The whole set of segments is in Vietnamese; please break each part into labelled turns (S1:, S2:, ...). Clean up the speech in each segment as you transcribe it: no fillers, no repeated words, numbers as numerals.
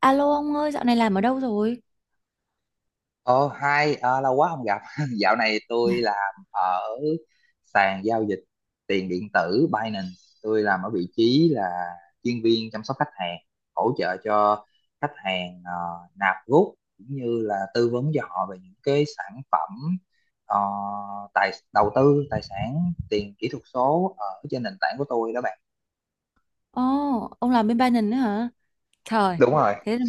S1: Alo ông ơi, dạo này làm ở đâu rồi?
S2: Ờ, hai lâu quá không gặp. Dạo này tôi làm ở sàn giao dịch tiền điện tử Binance. Tôi làm ở vị trí là chuyên viên chăm sóc khách hàng, hỗ trợ cho khách hàng, nạp rút cũng như là tư vấn cho họ về những cái sản phẩm, ờ, tài đầu tư, tài sản, tiền kỹ thuật số ở trên nền tảng của tôi đó bạn.
S1: Ồ, ông làm bên Binance nữa hả? Trời,
S2: Đúng rồi.
S1: thế là-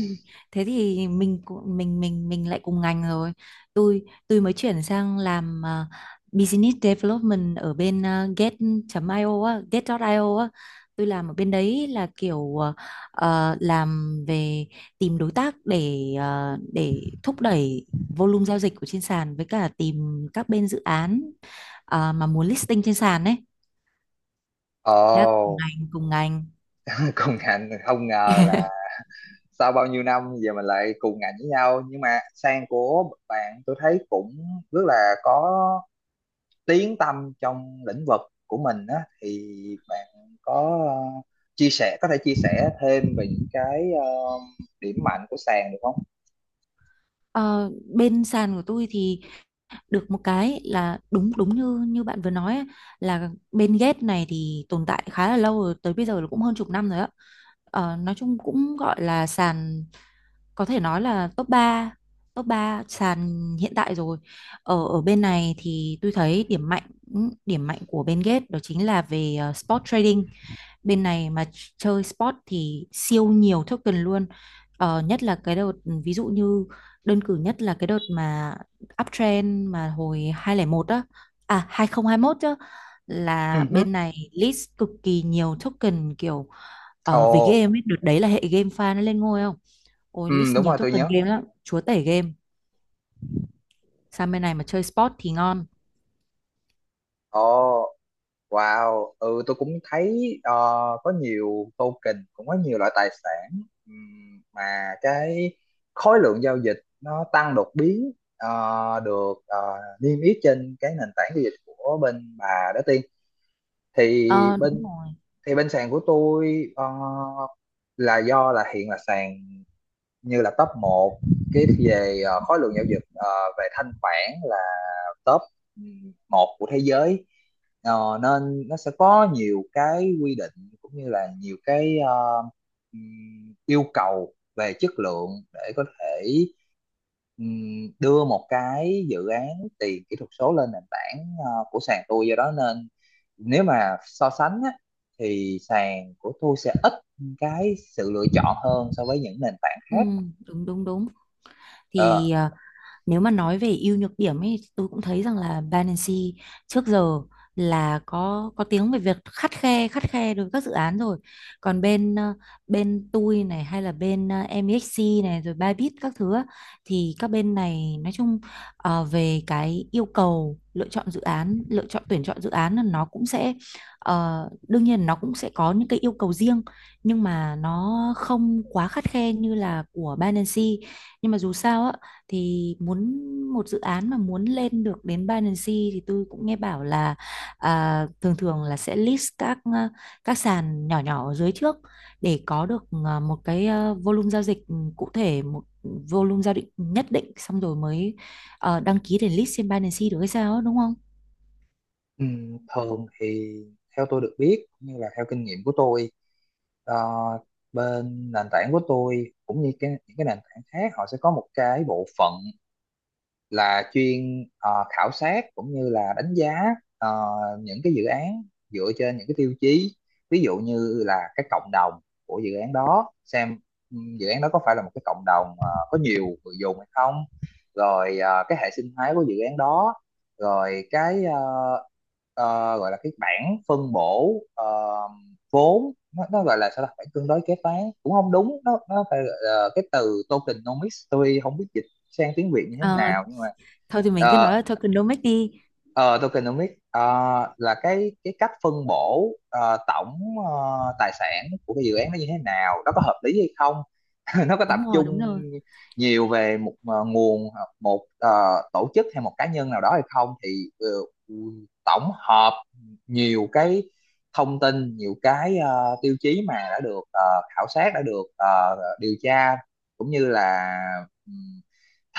S1: thế thì mình lại cùng ngành rồi. Tôi mới chuyển sang làm business development ở bên get.io á, get.io á. Tôi làm ở bên đấy là kiểu làm về tìm đối tác để để thúc đẩy volume giao dịch của trên sàn với cả tìm các bên dự án mà muốn listing trên sàn ấy, thế là cùng
S2: Ồ,
S1: ngành cùng ngành
S2: công ngành không ngờ, sau bao nhiêu năm giờ mình lại cùng ngành với nhau. Nhưng mà sang của bạn tôi thấy cũng rất là có tiếng tăm trong lĩnh vực của mình á, thì bạn có, ờ, chia sẻ có thể chia sẻ thêm về những cái điểm mạnh của sàn được không?
S1: Ờ, bên sàn của tôi thì được một cái là đúng đúng như như bạn vừa nói ấy, là bên ghép này thì tồn tại khá là lâu rồi, tới bây giờ là cũng hơn chục năm rồi á. Ờ, nói chung cũng gọi là sàn, có thể nói là top ba sàn hiện tại rồi. Ở ở bên này thì tôi thấy điểm mạnh của bên Gate đó chính là về spot trading. Bên này mà chơi sport thì siêu nhiều token luôn, nhất là cái đợt, ví dụ như đơn cử nhất là cái đợt mà uptrend mà hồi 2001 á à 2021 chứ, là
S2: Ừ hứ.
S1: bên này list cực kỳ nhiều token, kiểu về
S2: Ồ,
S1: game ấy, đợt đấy là hệ game fan nó lên ngôi, không ôi
S2: ừ,
S1: list
S2: đúng
S1: nhiều
S2: rồi, tôi
S1: token
S2: nhớ.
S1: game lắm, chúa tể game. Sang bên này mà chơi sport thì ngon.
S2: Ồ, wow, ừ, tôi cũng thấy có nhiều token, cũng có nhiều loại tài sản, mà cái khối lượng giao dịch nó tăng đột biến, được niêm yết trên cái nền tảng giao dịch của bên bà đó, Tiên. Thì
S1: Ờ đúng
S2: bên
S1: rồi.
S2: thì bên sàn của tôi, là do là hiện là sàn như là top một cái về khối lượng giao dịch, về thanh khoản là top một của thế giới. Ờ, nên nó sẽ có nhiều cái quy định cũng như là nhiều cái yêu cầu về chất lượng để có thể, đưa một cái dự án tiền kỹ thuật số lên nền tảng của sàn tôi. Do đó nên nếu mà so sánh á, thì sàn của tôi sẽ ít cái sự lựa chọn hơn so với những nền tảng
S1: ừ,
S2: khác.
S1: đúng đúng đúng thì
S2: Ờ,
S1: nếu mà nói về ưu nhược điểm ấy, tôi cũng thấy rằng là Binance trước giờ là có tiếng về việc khắt khe đối với các dự án rồi. Còn bên bên tôi này hay là bên MEXC này rồi Bybit các thứ á, thì các bên này nói chung về cái yêu cầu lựa chọn dự án, lựa chọn tuyển chọn dự án là nó cũng sẽ đương nhiên nó cũng sẽ có những cái yêu cầu riêng, nhưng mà nó không quá khắt khe như là của Binance. Nhưng mà dù sao á thì muốn một dự án mà muốn lên được đến Binance thì tôi cũng nghe bảo là thường thường là sẽ list các các sàn nhỏ nhỏ ở dưới trước, để có được một cái volume giao dịch cụ thể, một volume giao dịch nhất định xong rồi mới đăng ký để list trên Binance được hay sao ấy, đúng không?
S2: Thường thì theo tôi được biết cũng như là theo kinh nghiệm của tôi, ờ, bên nền tảng của tôi cũng như những cái nền tảng khác, họ sẽ có một cái bộ phận là chuyên khảo sát cũng như là đánh giá ờ, những cái dự án, dựa trên những cái tiêu chí, ví dụ như là cái cộng đồng của dự án đó, xem dự án đó có phải là một cái cộng đồng có nhiều người dùng hay không, rồi cái hệ sinh thái của dự án đó, rồi cái, gọi là cái bảng phân bổ vốn. Nó gọi là sao ta, bảng cân đối kế toán cũng không đúng, nó phải gọi là cái từ tokenomics, tôi không biết sang tiếng Việt như thế
S1: Ờ,
S2: nào nhưng mà,
S1: thôi thì mình cứ nói
S2: ờ,
S1: là tokenomics đi.
S2: ờ, tokenomics là cái cách phân bổ tổng tài sản của cái dự án nó như thế nào, nó có hợp lý hay không, nó có tập
S1: Đúng rồi, đúng
S2: trung
S1: rồi.
S2: nhiều về một nguồn hoặc một tổ chức hay một cá nhân nào đó hay không. Thì ờ, tổng hợp nhiều cái thông tin, nhiều cái tiêu chí mà đã được khảo sát, đã được điều tra cũng như là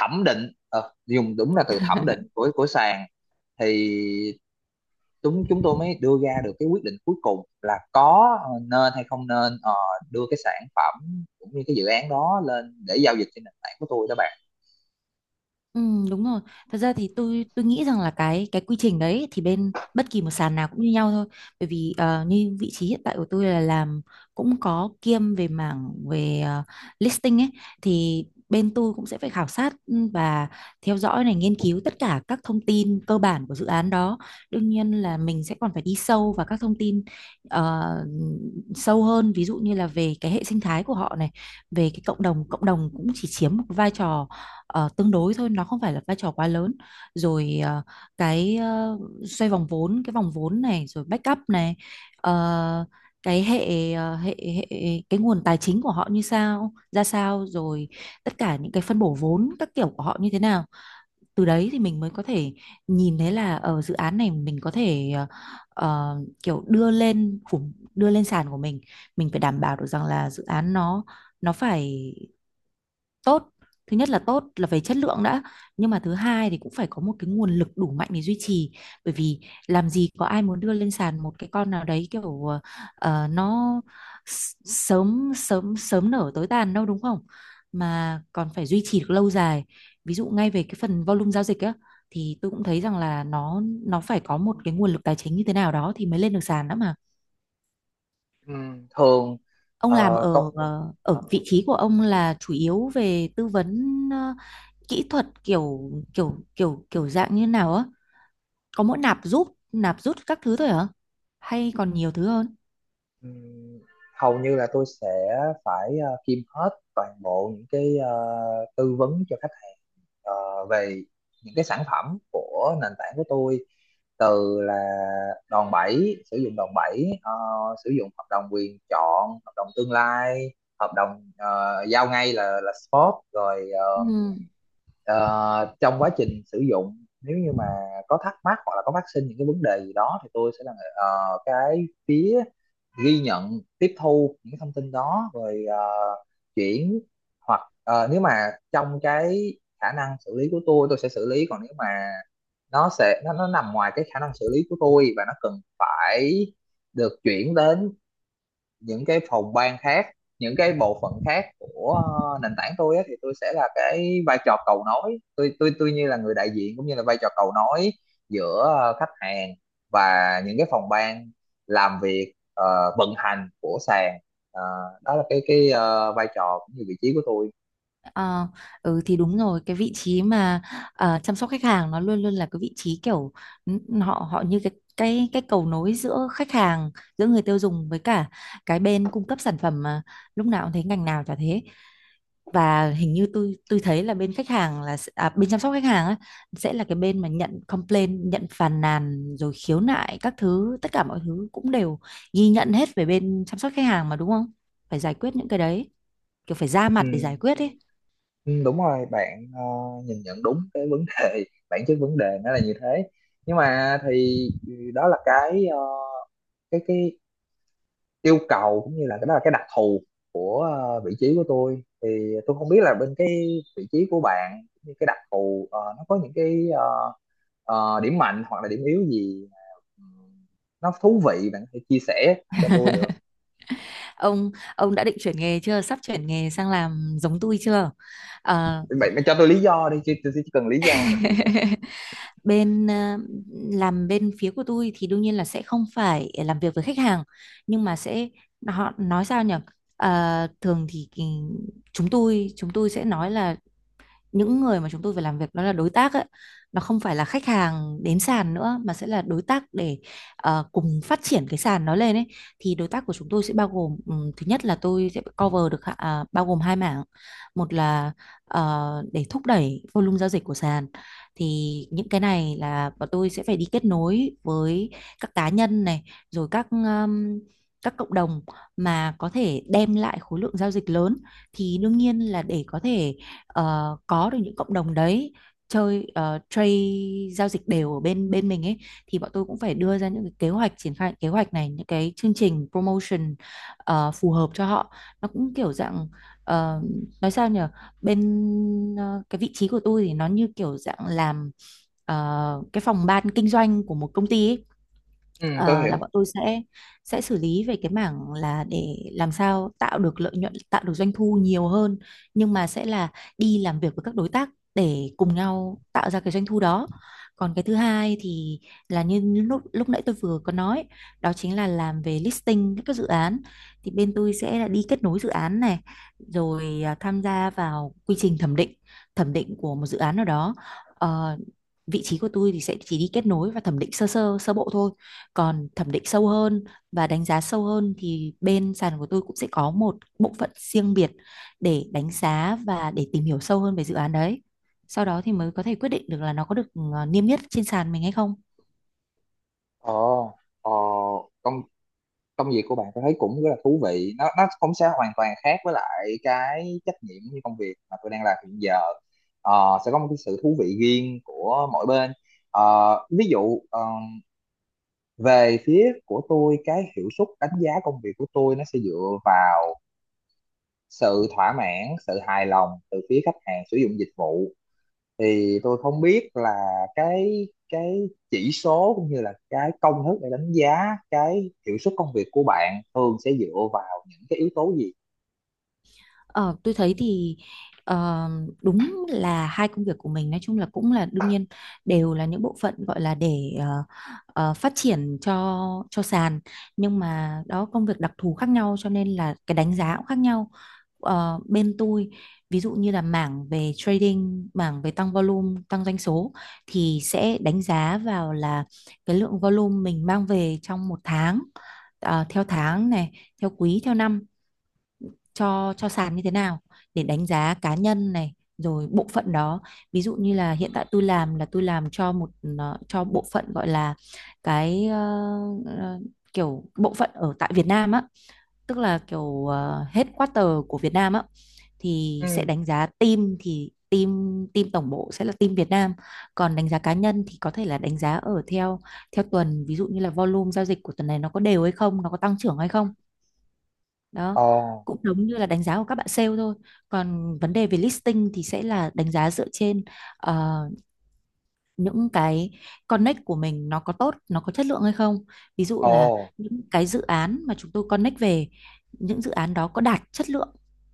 S2: thẩm định, dùng đúng là từ thẩm định, của sàn, thì chúng chúng tôi mới đưa ra được cái quyết định cuối cùng là có nên hay không nên đưa cái sản phẩm cũng như cái dự án đó lên để giao dịch trên nền tảng của tôi đó bạn.
S1: Ừ, đúng rồi. Thật ra thì tôi nghĩ rằng là cái quy trình đấy thì bên bất kỳ một sàn nào cũng như nhau thôi. Bởi vì như vị trí hiện tại của tôi là làm cũng có kiêm về mảng về listing ấy, thì bên tôi cũng sẽ phải khảo sát, ừ, và theo dõi này, nghiên cứu tất cả các thông tin cơ bản của dự án đó. Đương nhiên là mình sẽ còn phải đi sâu vào các thông tin ờ, sâu hơn, ví dụ như là về cái hệ sinh thái của họ này, về cái cộng đồng cũng chỉ chiếm một vai trò tương đối thôi, nó không phải là vai trò quá lớn, rồi cái ờ, xoay vòng vốn, cái vòng vốn này rồi backup này, ờ, cái hệ ờ, hệ hệ cái nguồn tài chính của họ như sao ra sao, rồi tất cả những cái phân bổ vốn các kiểu của họ như thế nào. Từ đấy thì mình mới có thể nhìn thấy là ở dự án này mình có thể ờ, kiểu đưa lên khủng, đưa lên sàn của mình phải đảm bảo được rằng là dự án nó phải tốt. Thứ nhất là tốt là về chất lượng đã, nhưng mà thứ hai thì cũng phải có một cái nguồn lực đủ mạnh để duy trì. Bởi vì làm gì có ai muốn đưa lên sàn một cái con nào đấy kiểu nó sớm sớm sớm nở tối tàn đâu, đúng không? Mà còn phải duy trì được lâu dài, ví dụ ngay về cái phần volume giao dịch á, thì tôi cũng thấy rằng là nó phải có một cái nguồn lực tài chính như thế nào đó thì mới lên được sàn đó mà.
S2: Ừm, thường
S1: Ông làm
S2: ờ,
S1: ở
S2: công,
S1: ở vị trí của ông là chủ yếu về tư vấn kỹ thuật kiểu kiểu kiểu kiểu dạng như nào á, có mỗi nạp rút các thứ thôi hả, hay còn nhiều thứ hơn?
S2: ừm, Hầu như là tôi sẽ phải kiêm hết toàn bộ những cái tư vấn cho khách ờ, về những cái sản phẩm của nền tảng của tôi, từ là đòn bẩy, sử dụng đòn bẩy, sử dụng hợp đồng quyền chọn, hợp đồng tương lai, hợp đồng giao ngay là spot rồi. Ờ,
S1: Ừ.
S2: Ờ, Trong quá trình sử dụng, nếu như mà có thắc mắc hoặc là có phát sinh những cái vấn đề gì đó, thì tôi sẽ là cái phía ghi nhận, tiếp thu những thông tin đó rồi chuyển. Hoặc nếu mà trong cái khả năng xử lý của tôi sẽ xử lý, còn nếu mà nó nằm ngoài cái khả năng xử lý của tôi và nó cần phải được chuyển đến những cái phòng ban khác, những cái bộ phận khác của nền tảng tôi á, thì tôi sẽ là cái vai trò cầu nối. Tôi như là người đại diện cũng như là vai trò cầu nối giữa khách hàng và những cái phòng ban làm việc, vận hành của sàn. Ờ, đó là cái vai trò cũng như vị trí của tôi.
S1: Ờ, ừ thì đúng rồi, cái vị trí mà chăm sóc khách hàng nó luôn luôn là cái vị trí kiểu họ họ như cái cầu nối giữa khách hàng, giữa người tiêu dùng với cả cái bên cung cấp sản phẩm mà, lúc nào cũng thấy ngành nào chả thế. Và hình như tôi thấy là bên khách hàng là bên chăm sóc khách hàng á, sẽ là cái bên mà nhận complaint, nhận phàn nàn rồi khiếu nại các thứ, tất cả mọi thứ cũng đều ghi nhận hết về bên chăm sóc khách hàng mà, đúng không? Phải giải quyết những cái đấy, kiểu phải ra mặt để
S2: Ừ,
S1: giải quyết ấy.
S2: ừ, đúng rồi bạn, nhìn nhận đúng cái vấn đề, bản chất vấn đề nó là như thế. Nhưng mà thì đó là cái, cái yêu cầu cũng như là cái, đó là cái đặc thù của vị trí của tôi. Thì tôi không biết là bên cái vị trí của bạn cũng như cái đặc thù, nó có những cái, điểm mạnh hoặc là điểm yếu gì mà ừm, nó thú vị, bạn có thể chia sẻ cho tôi được?
S1: Ông ông đã định chuyển nghề chưa, sắp chuyển nghề sang làm giống tôi chưa? Ờ,
S2: Bạn cho tôi lý do đi chứ, tôi chỉ cần lý do.
S1: bên làm bên phía của tôi thì đương nhiên là sẽ không phải làm việc với khách hàng, nhưng mà sẽ họ nói sao nhỉ. Ờ, thường thì chúng tôi sẽ nói là những người mà chúng tôi phải làm việc nó là đối tác ấy, nó không phải là khách hàng đến sàn nữa, mà sẽ là đối tác để cùng phát triển cái sàn nó lên ấy. Thì đối tác của chúng tôi sẽ bao gồm, thứ nhất là tôi sẽ cover được bao gồm hai mảng. Một là để thúc đẩy volume giao dịch của sàn, thì những cái này là bọn tôi sẽ phải đi kết nối với các cá nhân này, rồi các cộng đồng mà có thể đem lại khối lượng giao dịch lớn. Thì đương nhiên là để có thể có được những cộng đồng đấy chơi trade, giao dịch đều ở bên bên mình ấy, thì bọn tôi cũng phải đưa ra những cái kế hoạch triển khai, kế hoạch này những cái chương trình promotion phù hợp cho họ. Nó cũng kiểu dạng ờ, nói sao nhỉ, bên cái vị trí của tôi thì nó như kiểu dạng làm cái phòng ban kinh doanh của một công ty ấy.
S2: Ừ, tôi
S1: Ờ, là
S2: hiểu.
S1: bọn tôi sẽ xử lý về cái mảng là để làm sao tạo được lợi nhuận, tạo được doanh thu nhiều hơn, nhưng mà sẽ là đi làm việc với các đối tác để cùng nhau tạo ra cái doanh thu đó. Còn cái thứ hai thì là như lúc lúc nãy tôi vừa có nói, đó chính là làm về listing các cái dự án. Thì bên tôi sẽ là đi kết nối dự án này, rồi à, tham gia vào quy trình thẩm định của một dự án nào đó. Ờ, vị trí của tôi thì sẽ chỉ đi kết nối và thẩm định sơ sơ sơ bộ thôi, còn thẩm định sâu hơn và đánh giá sâu hơn thì bên sàn của tôi cũng sẽ có một bộ phận riêng biệt để đánh giá và để tìm hiểu sâu hơn về dự án đấy, sau đó thì mới có thể quyết định được là nó có được niêm yết trên sàn mình hay không.
S2: Ồ, ờ, công công việc của bạn tôi thấy cũng rất là thú vị, nó không sẽ hoàn toàn khác với lại cái trách nhiệm như công việc mà tôi đang làm hiện giờ. Ờ, sẽ có một cái sự thú vị riêng của mỗi bên. Ờ, ví dụ về phía của tôi, cái hiệu suất đánh giá công việc của tôi nó sẽ dựa vào sự thỏa mãn, sự hài lòng từ phía khách hàng sử dụng dịch vụ. Thì tôi không biết là cái chỉ số cũng như là cái công thức để đánh giá cái hiệu suất công việc của bạn thường sẽ dựa vào những cái yếu tố gì?
S1: Ờ, tôi thấy thì ờ, đúng là hai công việc của mình nói chung là cũng là đương nhiên đều là những bộ phận gọi là để phát triển cho sàn, nhưng mà đó công việc đặc thù khác nhau, cho nên là cái đánh giá cũng khác nhau. Ờ, bên tôi ví dụ như là mảng về trading, mảng về tăng volume, tăng doanh số thì sẽ đánh giá vào là cái lượng volume mình mang về trong một tháng, theo tháng này, theo quý, theo năm cho sàn như thế nào, để đánh giá cá nhân này rồi bộ phận đó. Ví dụ như là hiện tại tôi làm là tôi làm cho một cho bộ phận gọi là cái ờ, kiểu bộ phận ở tại Việt Nam á, tức là kiểu headquarter của Việt Nam á, thì sẽ
S2: Ừ.
S1: đánh giá team, thì team team tổng bộ sẽ là team Việt Nam. Còn đánh giá cá nhân thì có thể là đánh giá ở theo theo tuần, ví dụ như là volume giao dịch của tuần này nó có đều hay không, nó có tăng trưởng hay không, đó,
S2: Ồ,
S1: cũng giống như là đánh giá của các bạn sale thôi. Còn vấn đề về listing thì sẽ là đánh giá dựa trên ờ, những cái connect của mình nó có tốt, nó có chất lượng hay không. Ví dụ là
S2: ồ,
S1: những cái dự án mà chúng tôi connect về, những dự án đó có đạt chất lượng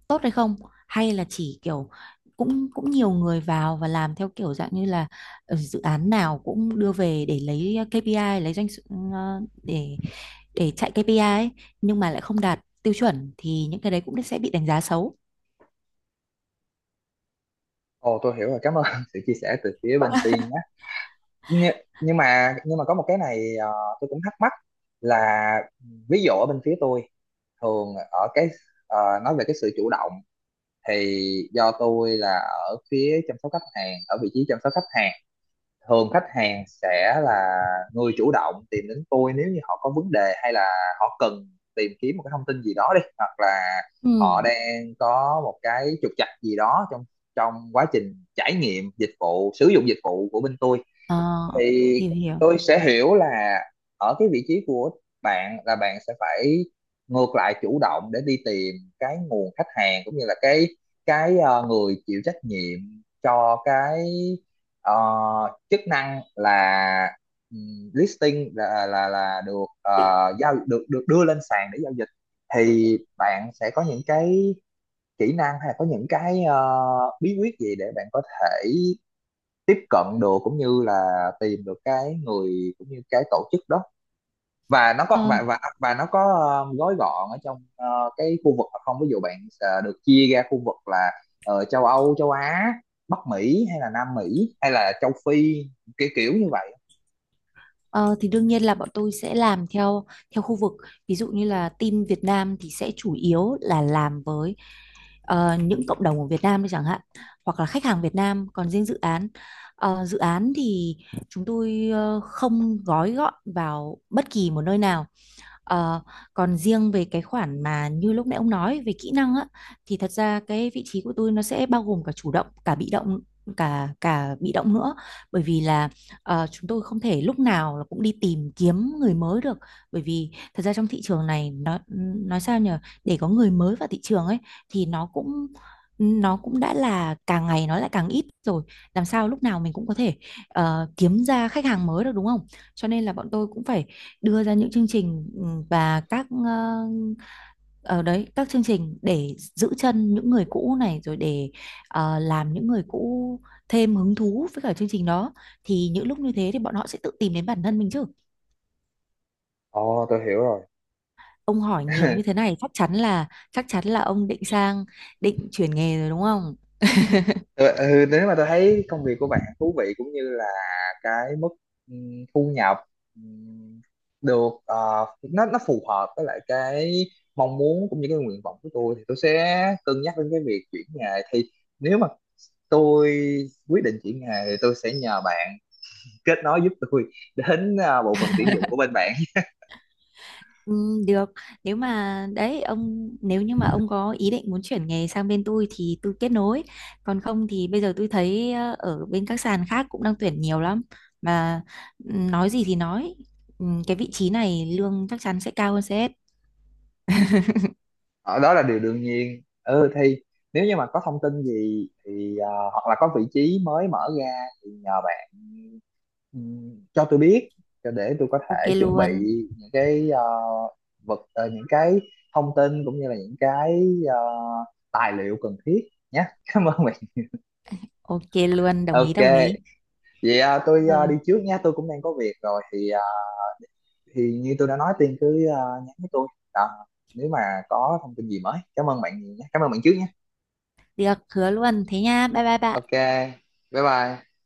S1: tốt hay không, hay là chỉ kiểu cũng cũng nhiều người vào và làm theo kiểu dạng như là dự án nào cũng đưa về để lấy KPI, lấy doanh số- ờ, để chạy KPI ấy, nhưng mà lại không đạt tiêu chuẩn, thì những cái đấy cũng sẽ bị đánh giá xấu.
S2: ồ, tôi hiểu rồi, cảm ơn sự chia sẻ từ phía bên Tiên nhé. Nhưng, nhưng mà có một cái này, tôi cũng thắc mắc là, ví dụ ở bên phía tôi, thường ở cái, ờ, nói về cái sự chủ động, thì do tôi là ở phía chăm sóc khách hàng, ở vị trí chăm sóc khách hàng, thường khách hàng sẽ là người chủ động tìm đến tôi nếu như họ có vấn đề, hay là họ cần tìm kiếm một cái thông tin gì đó đi, hoặc là
S1: Ừ.
S2: họ đang có một cái trục trặc gì đó trong trong quá trình trải nghiệm dịch vụ, sử dụng dịch vụ của bên tôi.
S1: Ờ,
S2: Thì
S1: hiểu hiểu.
S2: tôi sẽ hiểu là ở cái vị trí của bạn, là bạn sẽ phải ngược lại chủ động để đi tìm cái nguồn khách hàng, cũng như là cái người chịu trách nhiệm cho cái, ờ, chức năng là, listing, là là được giao, được được đưa lên sàn để giao dịch. Thì bạn sẽ có những cái kỹ năng, hay là có những cái bí quyết gì để bạn có thể tiếp cận được, cũng như là tìm được cái người cũng như cái tổ chức đó?
S1: Ờ,
S2: Và nó có gói gọn ở trong cái khu vực hay không? Ví dụ bạn được chia ra khu vực là châu Âu, châu Á, Bắc Mỹ, hay là Nam Mỹ, hay là châu Phi, kiểu kiểu như vậy.
S1: ờ, thì đương nhiên là bọn tôi sẽ làm theo theo khu vực. Ví dụ như là team Việt Nam thì sẽ chủ yếu là làm với những cộng đồng ở Việt Nam đi chẳng hạn, hoặc là khách hàng Việt Nam. Còn riêng dự án, dự án thì chúng tôi không gói gọn vào bất kỳ một nơi nào. Ờ, còn riêng về cái khoản mà như lúc nãy ông nói về kỹ năng á, thì thật ra cái vị trí của tôi nó sẽ bao gồm cả chủ động cả bị động, cả cả bị động nữa. Bởi vì là chúng tôi không thể lúc nào là cũng đi tìm kiếm người mới được, bởi vì thật ra trong thị trường này nó nói sao nhỉ, để có người mới vào thị trường ấy thì nó cũng đã là càng ngày nó lại càng ít rồi, làm sao lúc nào mình cũng có thể kiếm ra khách hàng mới được, đúng không? Cho nên là bọn tôi cũng phải đưa ra những chương trình, ừ, và các ờ, ở đấy các chương trình để giữ chân những người cũ này, rồi để làm những người cũ thêm hứng thú với cả chương trình đó, thì những lúc như thế thì bọn họ sẽ tự tìm đến bản thân mình chứ.
S2: Ồ, tôi hiểu rồi.
S1: Ông hỏi nhiều như thế này chắc chắn là ông định sang định chuyển nghề rồi đúng không?
S2: Ừ, ừ, nếu mà tôi thấy công việc của bạn thú vị, cũng như là cái mức thu nhập ừm, được nó phù hợp với lại cái mong muốn cũng như cái nguyện vọng của tôi, thì tôi sẽ cân nhắc đến cái việc chuyển nghề. Thì nếu mà tôi quyết định chuyển nghề, thì tôi sẽ nhờ bạn kết nối giúp tôi đến bộ phận tuyển dụng của bên bạn.
S1: Ừ, được, nếu mà đấy ông, nếu như mà ông có ý định muốn chuyển nghề sang bên tôi thì tôi kết nối, còn không thì bây giờ tôi thấy ở bên các sàn khác cũng đang tuyển nhiều lắm mà. Ừ, nói gì thì nói, ừ, cái vị trí này lương chắc chắn sẽ cao hơn CS.
S2: Ờ, đó là điều đương nhiên. Ừ thì nếu như mà có thông tin gì thì hoặc là có vị trí mới mở ra, thì nhờ bạn cho tôi biết, cho để tôi có
S1: Ok
S2: thể chuẩn bị
S1: luôn.
S2: những cái, những cái thông tin cũng như là những cái tài liệu cần thiết nhé. Cảm ơn bạn.
S1: Ok luôn, đồng ý.
S2: OK, vậy tôi đi
S1: Rồi,
S2: trước nha, tôi cũng đang có việc rồi, thì như tôi đã nói, Tiên cứ nhắn với tôi. Ờ, nếu mà có thông tin gì mới, cảm ơn bạn nhiều nhé, cảm ơn bạn trước nhé.
S1: được, hứa luôn thế nha, bye bye bạn.
S2: OK, bye bye.